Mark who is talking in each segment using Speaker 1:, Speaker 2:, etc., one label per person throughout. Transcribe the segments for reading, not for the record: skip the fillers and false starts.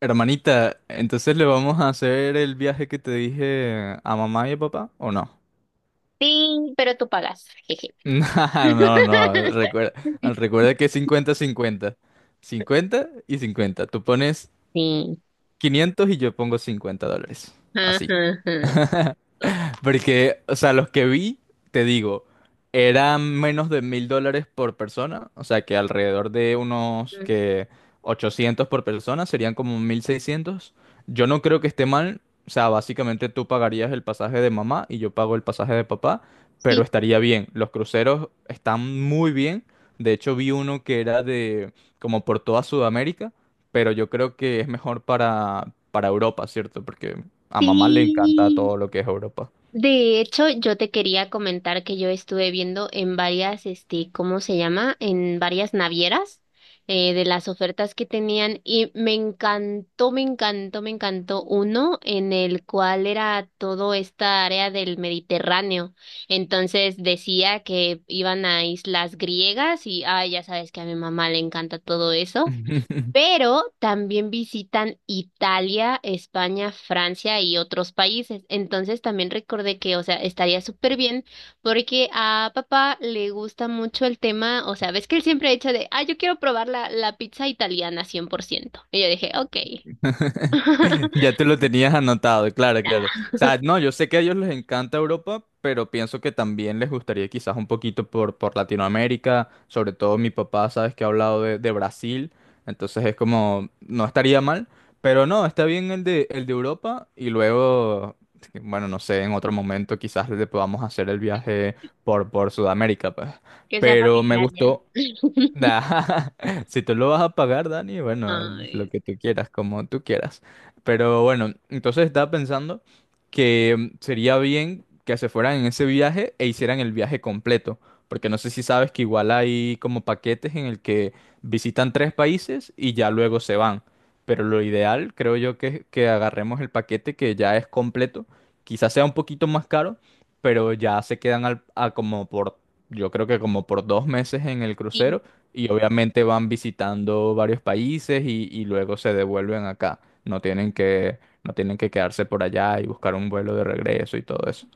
Speaker 1: Hermanita, entonces le vamos a hacer el viaje que te dije a mamá y a papá, ¿o no?
Speaker 2: Sí, pero tú pagas. Jeje.
Speaker 1: No, no, recuerda que es cincuenta-cincuenta, cincuenta cincuenta y 50. Tú pones
Speaker 2: Sí.
Speaker 1: 500 y yo pongo $50.
Speaker 2: Ajá,
Speaker 1: Así.
Speaker 2: ajá.
Speaker 1: Porque, o sea, los que vi, te digo, eran menos de $1,000 por persona, o sea, que alrededor de unos
Speaker 2: Mm,
Speaker 1: que 800 por persona serían como 1,600. Yo no creo que esté mal, o sea, básicamente tú pagarías el pasaje de mamá y yo pago el pasaje de papá, pero
Speaker 2: Sí,
Speaker 1: estaría bien. Los cruceros están muy bien. De hecho, vi uno que era de como por toda Sudamérica, pero yo creo que es mejor para, Europa, ¿cierto? Porque a mamá le encanta
Speaker 2: sí.
Speaker 1: todo lo que es Europa.
Speaker 2: De hecho, yo te quería comentar que yo estuve viendo en varias, ¿cómo se llama? En varias navieras de las ofertas que tenían y me encantó, me encantó, me encantó uno en el cual era todo esta área del Mediterráneo. Entonces decía que iban a islas griegas y, ay, ya sabes que a mi mamá le encanta todo eso, pero también visitan Italia, España, Francia y otros países. Entonces también recordé que, o sea, estaría súper bien porque a papá le gusta mucho el tema, o sea, ves que él siempre ha dicho de, ah, yo quiero probar la pizza italiana 100%. Y yo dije, ok.
Speaker 1: Ya te lo tenías anotado, claro, claro. O sea, no, yo sé que a ellos les encanta Europa, pero pienso que también les gustaría quizás un poquito por, Latinoamérica, sobre todo mi papá, sabes que ha hablado de Brasil, entonces es como, no estaría mal, pero no, está bien el de Europa y luego, bueno, no sé, en otro momento quizás le podamos hacer el viaje por Sudamérica, pues.
Speaker 2: Que sea
Speaker 1: Pero me
Speaker 2: familiar ya.
Speaker 1: gustó. Nah, si tú lo vas a pagar, Dani, bueno, lo
Speaker 2: Ay,
Speaker 1: que tú quieras, como tú quieras. Pero bueno, entonces estaba pensando que sería bien que se fueran en ese viaje e hicieran el viaje completo. Porque no sé si sabes que igual hay como paquetes en el que visitan tres países y ya luego se van. Pero lo ideal, creo yo, que es que agarremos el paquete que ya es completo. Quizás sea un poquito más caro, pero ya se quedan a como por, yo creo que como por 2 meses en el
Speaker 2: sí.
Speaker 1: crucero y obviamente van visitando varios países y luego se devuelven acá. No tienen que quedarse por allá y buscar un vuelo de regreso y todo eso.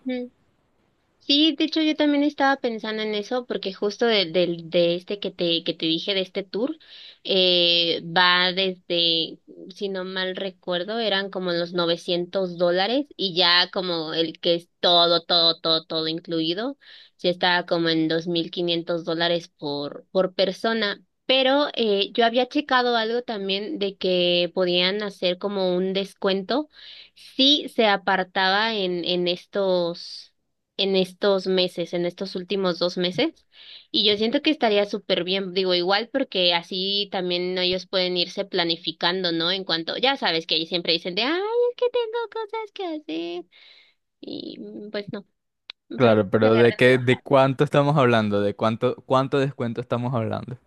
Speaker 2: Sí, de hecho yo también estaba pensando en eso porque justo de este que te dije, de este tour, va desde, si no mal recuerdo, eran como los $900, y ya como el que es todo, todo, todo, todo incluido, sí estaba como en $2,500 por persona. Pero yo había checado algo también de que podían hacer como un descuento si se apartaba en estos meses, en estos últimos 2 meses, y yo siento que estaría súper bien, digo, igual porque así también ellos pueden irse planificando, ¿no? En cuanto, ya sabes que ahí siempre dicen de, ay, es que tengo cosas que hacer, y pues no, para que
Speaker 1: Claro,
Speaker 2: se
Speaker 1: pero ¿de
Speaker 2: agarren de
Speaker 1: qué,
Speaker 2: baja.
Speaker 1: de cuánto estamos hablando? ¿De cuánto descuento estamos hablando?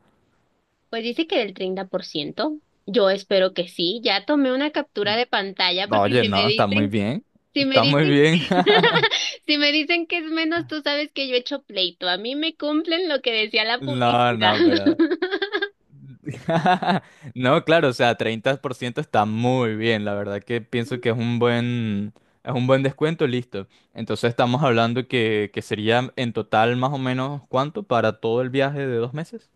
Speaker 2: Pues dice que del 30%, yo espero que sí, ya tomé una captura de pantalla
Speaker 1: No,
Speaker 2: porque
Speaker 1: oye,
Speaker 2: si me
Speaker 1: no, está muy
Speaker 2: dicen...
Speaker 1: bien.
Speaker 2: Si me
Speaker 1: Está muy
Speaker 2: dicen,
Speaker 1: bien.
Speaker 2: si me dicen que es menos, tú sabes que yo he hecho pleito. A mí me cumplen lo que decía la
Speaker 1: No,
Speaker 2: publicidad.
Speaker 1: no, pero no, claro, o sea, 30% está muy bien, la verdad que pienso que es un buen descuento, listo. Entonces estamos hablando que sería en total más o menos cuánto para todo el viaje de 2 meses.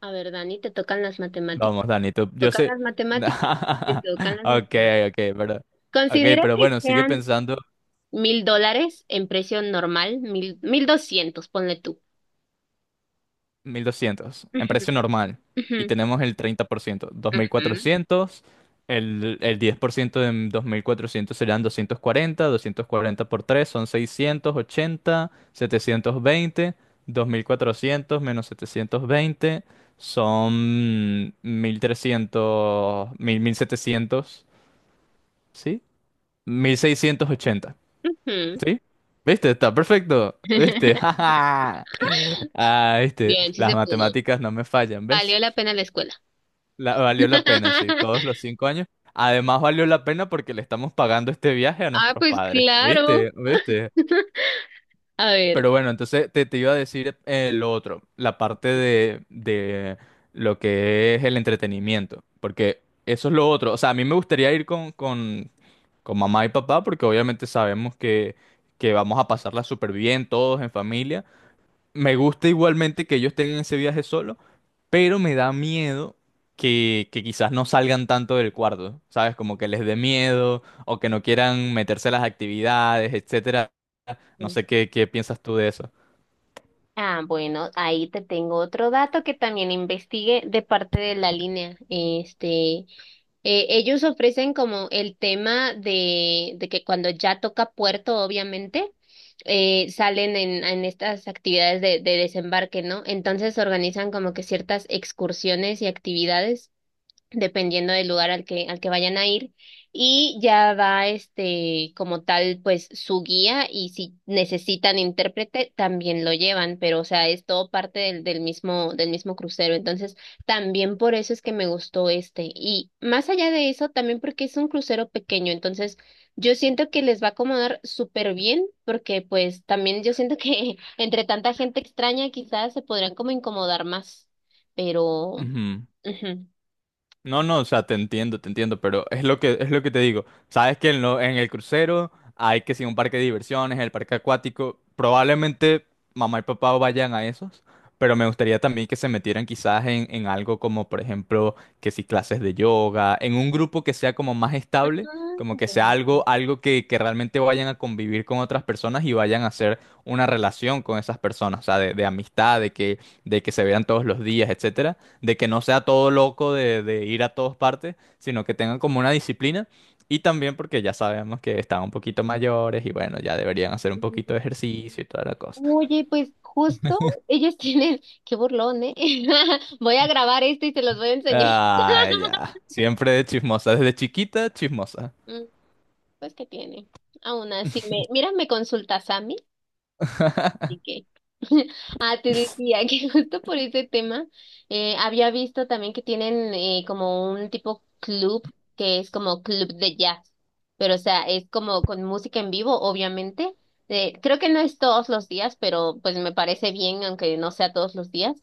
Speaker 2: A ver, Dani, te tocan las
Speaker 1: Vamos,
Speaker 2: matemáticas.
Speaker 1: Dani,
Speaker 2: Te
Speaker 1: yo
Speaker 2: Tocan
Speaker 1: sé.
Speaker 2: las matemáticas. Te tocan las
Speaker 1: Ok,
Speaker 2: matemáticas.
Speaker 1: ok,
Speaker 2: Considera
Speaker 1: pero
Speaker 2: que
Speaker 1: bueno, sigue
Speaker 2: sean
Speaker 1: pensando,
Speaker 2: $1,000 en precio normal, mil, 1,200, ponle tú.
Speaker 1: 1,200 en
Speaker 2: Ujú,
Speaker 1: precio normal.
Speaker 2: ujú,
Speaker 1: Y tenemos el 30%. dos mil
Speaker 2: ujú,
Speaker 1: cuatrocientos El 10% de 2,400 serán 240. 240 por 3 son 680. 720. 2,400 menos 720 son 1,300. Mil setecientos. ¿Sí? 1,680.
Speaker 2: ujú.
Speaker 1: ¿Sí? ¿Viste? Está perfecto. ¿Viste? ¡Ja, ja! Ah, ¿viste?
Speaker 2: Bien, sí
Speaker 1: Las
Speaker 2: se pudo.
Speaker 1: matemáticas no me fallan, ¿ves?
Speaker 2: Valió la pena la escuela.
Speaker 1: Valió la pena, sí, todos los 5 años. Además, valió la pena porque le estamos pagando este viaje a
Speaker 2: Ah,
Speaker 1: nuestros
Speaker 2: pues
Speaker 1: padres.
Speaker 2: claro.
Speaker 1: ¿Viste? ¿Viste?
Speaker 2: A ver.
Speaker 1: Pero bueno, entonces te iba a decir lo otro, la parte de lo que es el entretenimiento, porque eso es lo otro. O sea, a mí me gustaría ir con, con mamá y papá, porque obviamente sabemos que vamos a pasarla súper bien todos en familia. Me gusta igualmente que ellos tengan ese viaje solo, pero me da miedo que quizás no salgan tanto del cuarto, ¿sabes? Como que les dé miedo o que no quieran meterse a las actividades, etcétera. No sé qué piensas tú de eso.
Speaker 2: Ah, bueno, ahí te tengo otro dato que también investigué de parte de la línea. Ellos ofrecen como el tema de que cuando ya toca puerto, obviamente, salen en estas actividades de desembarque, ¿no? Entonces organizan como que ciertas excursiones y actividades dependiendo del lugar al que vayan a ir. Y ya va este, como tal, pues su guía y si necesitan intérprete, también lo llevan, pero o sea, es todo parte del mismo crucero. Entonces, también por eso es que me gustó este. Y más allá de eso, también porque es un crucero pequeño, entonces yo siento que les va a acomodar súper bien, porque pues también yo siento que entre tanta gente extraña quizás se podrán como incomodar más, pero...
Speaker 1: Ujú.
Speaker 2: ujú.
Speaker 1: No, no, o sea, te entiendo, pero es lo que te digo. Sabes que en el crucero hay que si un parque de diversiones, el parque acuático, probablemente mamá y papá vayan a esos, pero me gustaría también que se metieran quizás en, algo como, por ejemplo, que si clases de yoga, en un grupo que sea como más estable, como que
Speaker 2: Ah,
Speaker 1: sea algo, algo que realmente vayan a convivir con otras personas y vayan a hacer una relación con esas personas, o sea, de, amistad, de que se vean todos los días, etcétera, de que no sea todo loco de ir a todas partes, sino que tengan como una disciplina y también porque ya sabemos que están un poquito mayores y bueno, ya deberían hacer un poquito de ejercicio y toda la cosa.
Speaker 2: oye, pues justo ellos tienen, qué burlón, ¿eh? Voy a grabar esto y se los voy a enseñar.
Speaker 1: Ah, ya. Siempre de chismosa, desde chiquita, chismosa.
Speaker 2: Mm, pues qué tiene. Aún así, me... mira, me consulta Sammy. Así que, ah, te decía que justo por ese tema había visto también que tienen como un tipo club que es como club de jazz, pero o sea, es como con música en vivo, obviamente. Creo que no es todos los días, pero pues me parece bien, aunque no sea todos los días.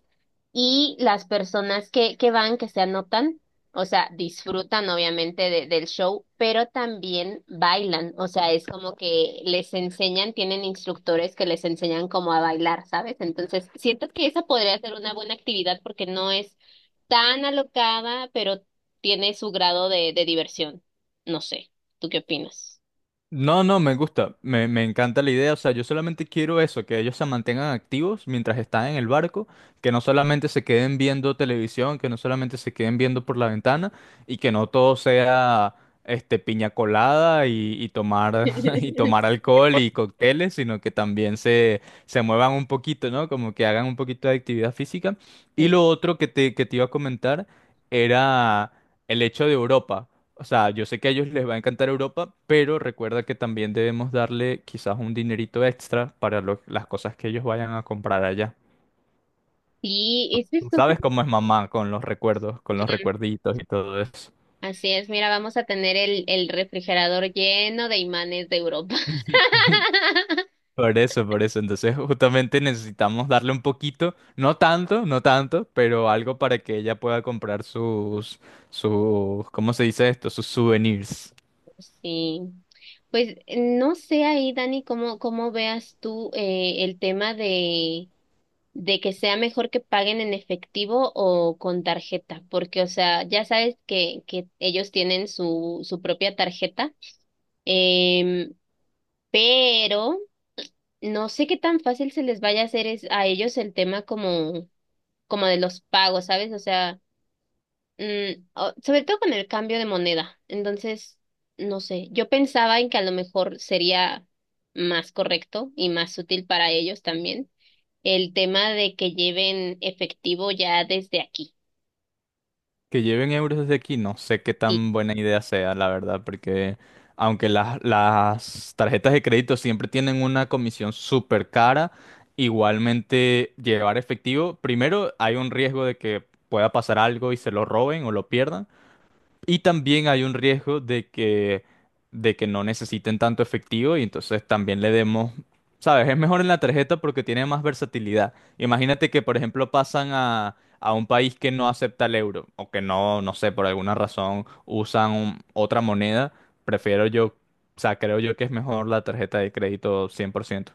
Speaker 2: Y las personas que van, que se anotan, o sea, disfrutan obviamente de- del show, pero también bailan. O sea, es como que les enseñan, tienen instructores que les enseñan cómo a bailar, ¿sabes? Entonces, siento que esa podría ser una buena actividad porque no es tan alocada, pero tiene su grado de diversión. No sé, ¿tú qué opinas?
Speaker 1: No, no, me gusta, me encanta la idea, o sea, yo solamente quiero eso, que ellos se mantengan activos mientras están en el barco, que no solamente se queden viendo televisión, que no solamente se queden viendo por la ventana y que no todo sea este piña colada y tomar y tomar alcohol y cócteles, sino que también se muevan un poquito, ¿no? Como que hagan un poquito de actividad física. Y
Speaker 2: Sí,
Speaker 1: lo otro que te iba a comentar era el hecho de Europa. O sea, yo sé que a ellos les va a encantar Europa, pero recuerda que también debemos darle quizás un dinerito extra para las cosas que ellos vayan a comprar allá.
Speaker 2: sí, esa es
Speaker 1: Tú,
Speaker 2: otra.
Speaker 1: ¿sabes cómo es mamá con los recuerdos, con los
Speaker 2: Mm,
Speaker 1: recuerditos y todo eso?
Speaker 2: así es, mira, vamos a tener el refrigerador lleno de imanes de Europa.
Speaker 1: Por eso, por eso. Entonces, justamente necesitamos darle un poquito, no tanto, no tanto, pero algo para que ella pueda comprar sus, ¿cómo se dice esto? Sus souvenirs.
Speaker 2: Sí, pues no sé ahí, Dani, cómo veas tú el tema de que sea mejor que paguen en efectivo o con tarjeta, porque, o sea, ya sabes que, ellos tienen su propia tarjeta, em, pero no sé qué tan fácil se les vaya a hacer es, a ellos el tema como de los pagos, ¿sabes? O sea... Mm, sobre todo con el cambio de moneda. Entonces, no sé, yo pensaba en que a lo mejor sería más correcto y más útil para ellos también el tema de que lleven efectivo ya desde aquí.
Speaker 1: Que lleven euros desde aquí, no sé qué tan buena idea sea, la verdad, porque aunque las tarjetas de crédito siempre tienen una comisión súper cara, igualmente llevar efectivo, primero hay un riesgo de que pueda pasar algo y se lo roben o lo pierdan. Y también hay un riesgo de que no necesiten tanto efectivo y entonces también le demos, ¿sabes? Es mejor en la tarjeta porque tiene más versatilidad. Imagínate que, por ejemplo, pasan a, un país que no acepta el euro o que no, no sé, por alguna razón usan otra moneda. Prefiero yo, o sea, creo yo que es mejor la tarjeta de crédito 100%.